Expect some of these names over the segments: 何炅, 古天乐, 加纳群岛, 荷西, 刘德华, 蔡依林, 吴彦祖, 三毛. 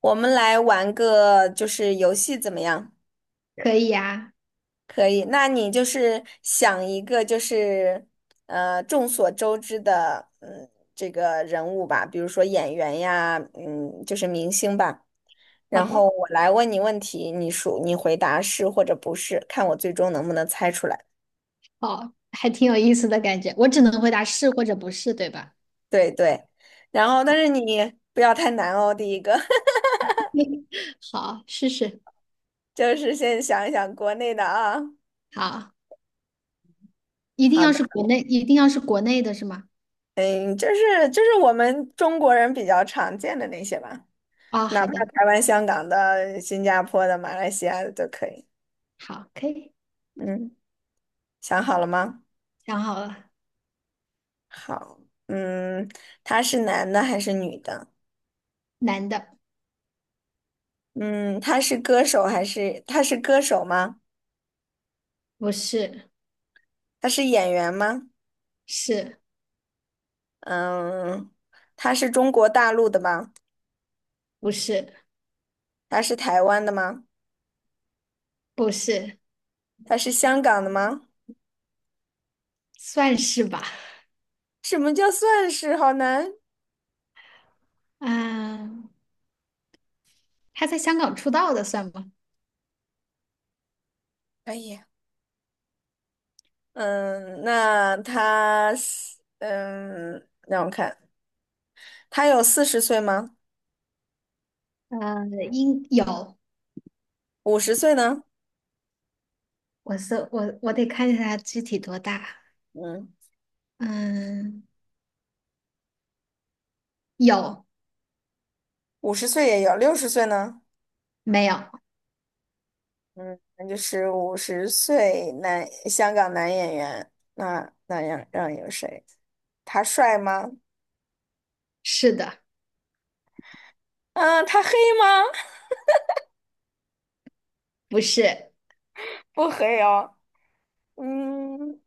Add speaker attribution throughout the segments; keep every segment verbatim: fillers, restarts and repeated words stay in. Speaker 1: 我们来玩个就是游戏怎么样？
Speaker 2: 可以呀，
Speaker 1: 可以，那你就是想一个就是呃众所周知的嗯这个人物吧，比如说演员呀，嗯就是明星吧。
Speaker 2: 好
Speaker 1: 然
Speaker 2: 的，
Speaker 1: 后嗯我来问你问题，你数你回答是或者不是，看我最终能不能猜出来。
Speaker 2: 好，还挺有意思的感觉。我只能回答是或者不是，对吧？
Speaker 1: 对对，然后但是你不要太难哦，第一个
Speaker 2: 好，试试。
Speaker 1: 就是先想一想国内的啊。
Speaker 2: 好，一定
Speaker 1: 好
Speaker 2: 要
Speaker 1: 的。
Speaker 2: 是国内，一定要是国内的是吗？
Speaker 1: 嗯，就是就是我们中国人比较常见的那些吧，
Speaker 2: 啊、
Speaker 1: 哪
Speaker 2: 好
Speaker 1: 怕
Speaker 2: 的，
Speaker 1: 台湾、香港的、新加坡的、马来西亚的都可以。
Speaker 2: 好，可以，
Speaker 1: 嗯，想好了吗？
Speaker 2: 想好了。
Speaker 1: 好，嗯，他是男的还是女的？
Speaker 2: 男的，
Speaker 1: 嗯，他是歌手还是他是歌手吗？
Speaker 2: 不是，
Speaker 1: 他是演员吗？
Speaker 2: 是，
Speaker 1: 嗯，他是中国大陆的吗？
Speaker 2: 不是，
Speaker 1: 他是台湾的吗？
Speaker 2: 不是，
Speaker 1: 他是香港的吗？
Speaker 2: 算是吧。
Speaker 1: 什么叫算是？好难。
Speaker 2: 嗯，他在香港出道的算吗？
Speaker 1: 可以。嗯，那他是嗯，让我看，他有四十岁吗？
Speaker 2: 呃，应有，
Speaker 1: 五十岁呢？
Speaker 2: 我是我，我得看一下他具体多大。
Speaker 1: 嗯，
Speaker 2: 嗯，有，
Speaker 1: 五十岁也有，六十岁呢？
Speaker 2: 没有？
Speaker 1: 嗯，那就是五十岁男香港男演员。那那样让有谁？他帅吗？
Speaker 2: 是的。
Speaker 1: 嗯，他黑吗？
Speaker 2: 不是，
Speaker 1: 不黑哦。嗯，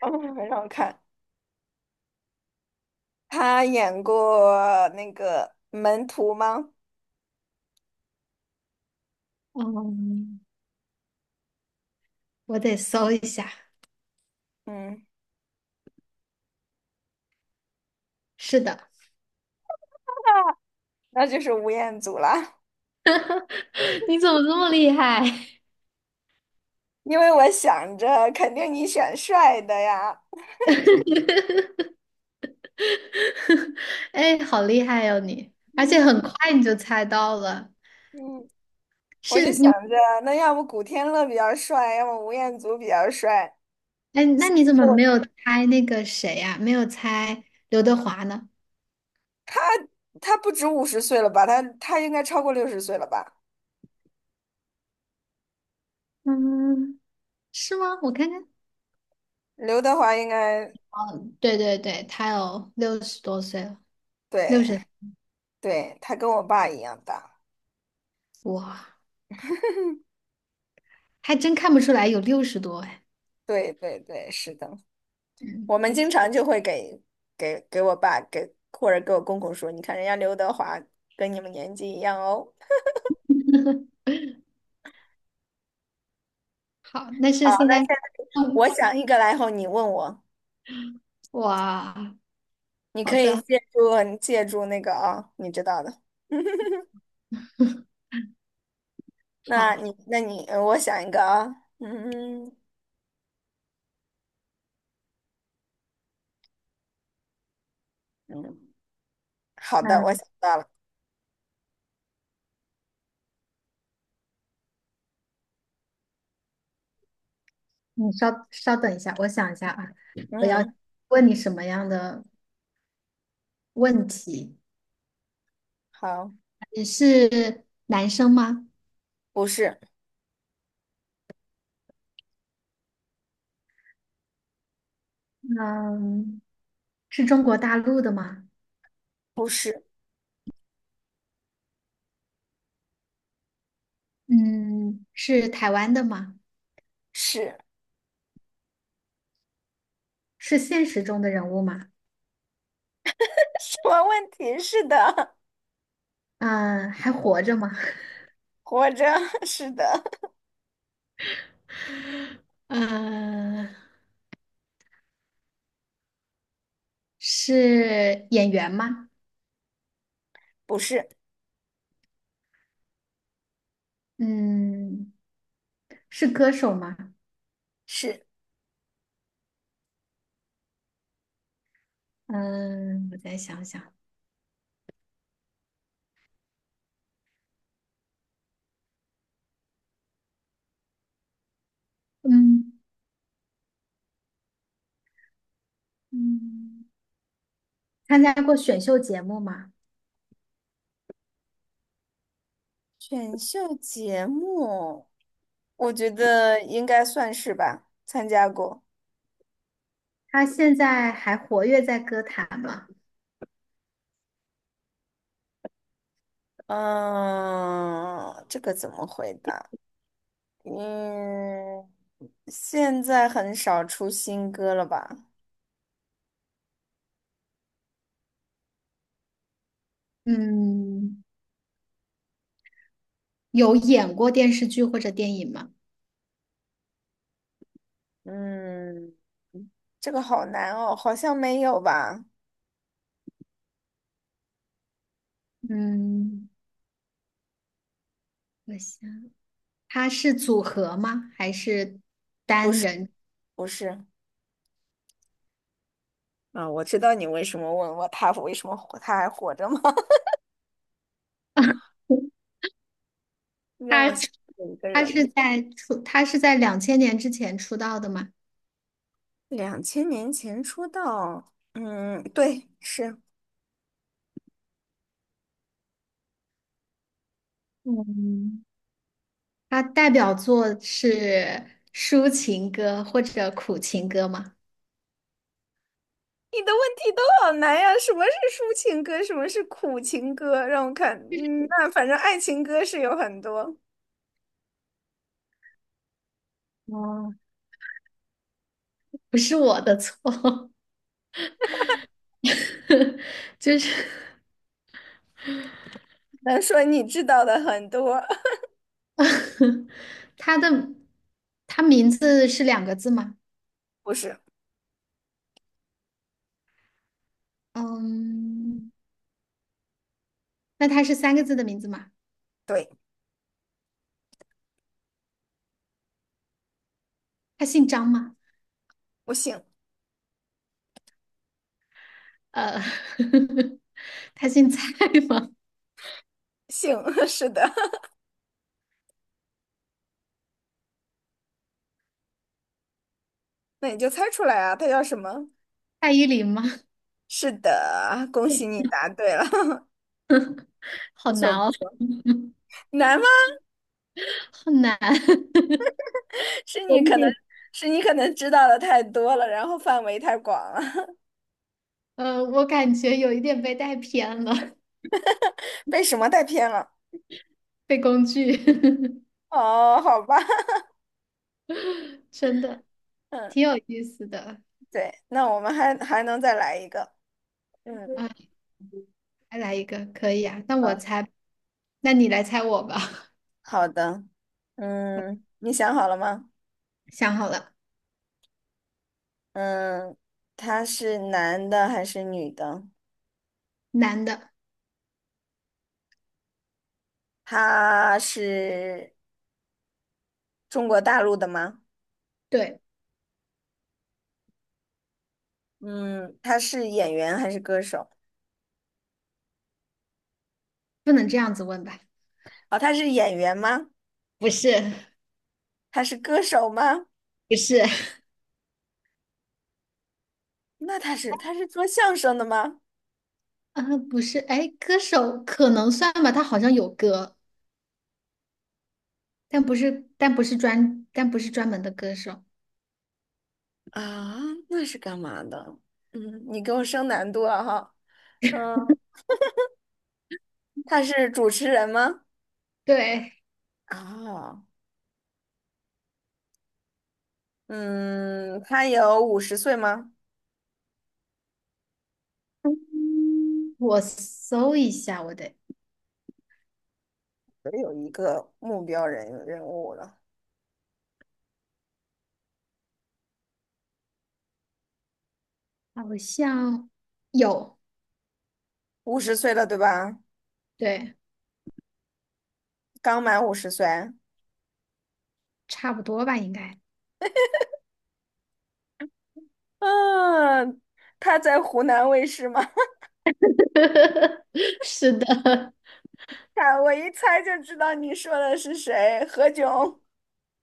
Speaker 1: 嗯，让我看，他演过那个门徒吗？
Speaker 2: 嗯，我得搜一下。
Speaker 1: 嗯，
Speaker 2: 是的，
Speaker 1: 那就是吴彦祖啦。
Speaker 2: 你怎么这么厉害？
Speaker 1: 因为我想着肯定你选帅的呀，
Speaker 2: 哎，好厉害哟、你，而且
Speaker 1: 嗯
Speaker 2: 很快你就猜到了。
Speaker 1: 嗯，我就
Speaker 2: 是你，
Speaker 1: 想着那要不古天乐比较帅，要么吴彦祖比较帅。
Speaker 2: 哎，那你怎么没有
Speaker 1: 我
Speaker 2: 猜那个谁呀、没有猜刘德华呢？
Speaker 1: 他不止五十岁了吧？他他应该超过六十岁了吧？
Speaker 2: 嗯，是吗？我看看。
Speaker 1: 刘德华应该
Speaker 2: 对对对，他有六十多岁了，六
Speaker 1: 对
Speaker 2: 十，
Speaker 1: 对，他跟我爸一样大。
Speaker 2: 哇，还真看不出来有六十多哎。
Speaker 1: 对对对，是的，
Speaker 2: 嗯，
Speaker 1: 我们
Speaker 2: 还
Speaker 1: 经
Speaker 2: 挺
Speaker 1: 常就会给给给我爸给或者给我公公说，你看人家刘德华跟你们年纪一样哦。
Speaker 2: 好。那
Speaker 1: 好，
Speaker 2: 是现
Speaker 1: 那
Speaker 2: 在，
Speaker 1: 现在我
Speaker 2: 嗯。
Speaker 1: 想一个来后，你问我。
Speaker 2: 哇，
Speaker 1: 你
Speaker 2: 好
Speaker 1: 可以
Speaker 2: 的，
Speaker 1: 借助你借助那个啊，你知道的。那
Speaker 2: 好，
Speaker 1: 你那你，呃我想一个啊，嗯嗯，好的，我想
Speaker 2: 那
Speaker 1: 到了，
Speaker 2: 你稍稍等一下，我想一下啊，我要
Speaker 1: 嗯，
Speaker 2: 问你什么样的问题？
Speaker 1: 好，
Speaker 2: 你是男生吗？
Speaker 1: 不是
Speaker 2: 嗯，是中国大陆的吗？
Speaker 1: 不是
Speaker 2: 嗯，是台湾的吗？
Speaker 1: 是
Speaker 2: 是现实中的人物吗？
Speaker 1: 什么问题？是的，
Speaker 2: 嗯，还活着吗？
Speaker 1: 活着 是的，
Speaker 2: 嗯，是演员吗？
Speaker 1: 不是
Speaker 2: 嗯，是歌手吗？
Speaker 1: 是
Speaker 2: 嗯，我再想想，嗯嗯。参加过选秀节目吗？
Speaker 1: 选秀节目，我觉得应该算是吧，参加过。
Speaker 2: 他现在还活跃在歌坛吗？
Speaker 1: 嗯，这个怎么回答？嗯，现在很少出新歌了吧？
Speaker 2: 嗯，有演过电视剧或者电影吗？
Speaker 1: 嗯，这个好难哦，好像没有吧？
Speaker 2: 嗯，我想他是组合吗？还是单人？
Speaker 1: 不是，啊，我知道你为什么问我他为什么活他还活着吗？让我
Speaker 2: 他
Speaker 1: 想有一个
Speaker 2: 他是
Speaker 1: 人，
Speaker 2: 在出他是在两千年之前出道的吗？
Speaker 1: 两千年前出道，嗯，对，是。
Speaker 2: 嗯，他代表作是抒情歌或者苦情歌吗？
Speaker 1: 你的问题都好难呀，什么是抒情歌，什么是苦情歌？让我看，嗯，那反正爱情歌是有很多，
Speaker 2: 哦，不是我的错，就是
Speaker 1: 能说你知道的很多，
Speaker 2: 他的他名字是两个字吗？
Speaker 1: 不是。
Speaker 2: 嗯，那他是三个字的名字吗？
Speaker 1: 对。
Speaker 2: 他姓张吗？
Speaker 1: 我姓
Speaker 2: 呃，他姓蔡吗？
Speaker 1: 姓 是的，那你就猜出来啊，他叫什么？
Speaker 2: 蔡依林吗？
Speaker 1: 是的，恭喜你答对了，
Speaker 2: 好
Speaker 1: 不错
Speaker 2: 难
Speaker 1: 不
Speaker 2: 哦，
Speaker 1: 错，难吗？
Speaker 2: 好难。
Speaker 1: 是
Speaker 2: 有
Speaker 1: 你
Speaker 2: 一
Speaker 1: 可能
Speaker 2: 点，
Speaker 1: 是你可能知道的太多了，然后范围太广了，
Speaker 2: 呃，我感觉有一点被带偏了，
Speaker 1: 被什么带偏了？
Speaker 2: 被工具，
Speaker 1: 哦，好吧，
Speaker 2: 真的
Speaker 1: 嗯，
Speaker 2: 挺有意思的。
Speaker 1: 对，那我们还还能再来一个，嗯，
Speaker 2: 啊，再来一个，可以啊。那我
Speaker 1: 好，
Speaker 2: 猜，那你来猜我吧。
Speaker 1: 好的，嗯，你想好了吗？
Speaker 2: 想好了，
Speaker 1: 嗯，他是男的还是女的？
Speaker 2: 男的，
Speaker 1: 他是中国大陆的吗？
Speaker 2: 对，
Speaker 1: 嗯，他是演员还是歌手？
Speaker 2: 不能这样子问吧？
Speaker 1: 哦，他是演员吗？
Speaker 2: 不是
Speaker 1: 他是歌手吗？
Speaker 2: 不是，
Speaker 1: 那他是他是做相声的吗？
Speaker 2: 啊，不是，哎，歌手可能算吧，他好像有歌，但不是，但不是专，但不是专门的歌手。
Speaker 1: 啊，那是干嘛的？嗯，你给我升难度了哈。嗯，他是主持人吗？
Speaker 2: 对，
Speaker 1: 啊，嗯，他有五十岁吗？
Speaker 2: 我搜一下，我得，
Speaker 1: 我有一个目标人人物了，
Speaker 2: 好像有，
Speaker 1: 五十岁了对吧？
Speaker 2: 对，
Speaker 1: 刚满五十岁。
Speaker 2: 差不多吧，应该。
Speaker 1: 嗯，他在湖南卫视吗？
Speaker 2: 是的，
Speaker 1: 看，我一猜就知道你说的是谁，何炅。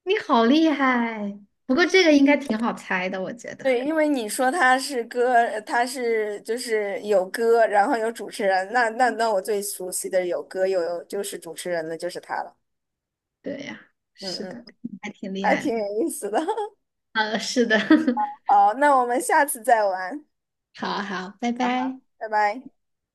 Speaker 2: 你好厉害，不过这个应该挺好猜的，我觉得。
Speaker 1: 对，因为你说他是歌，呃他是就是有歌，然后有主持人，那那那我最熟悉的有歌又有就是主持人的就是他了。
Speaker 2: 对呀，
Speaker 1: 嗯
Speaker 2: 是
Speaker 1: 嗯，
Speaker 2: 的，还挺厉
Speaker 1: 还
Speaker 2: 害
Speaker 1: 挺
Speaker 2: 的。
Speaker 1: 有意思的。
Speaker 2: 呃，是的，
Speaker 1: 好，那我们下次再玩。
Speaker 2: 好好，拜
Speaker 1: 啊哈，
Speaker 2: 拜。
Speaker 1: 拜拜。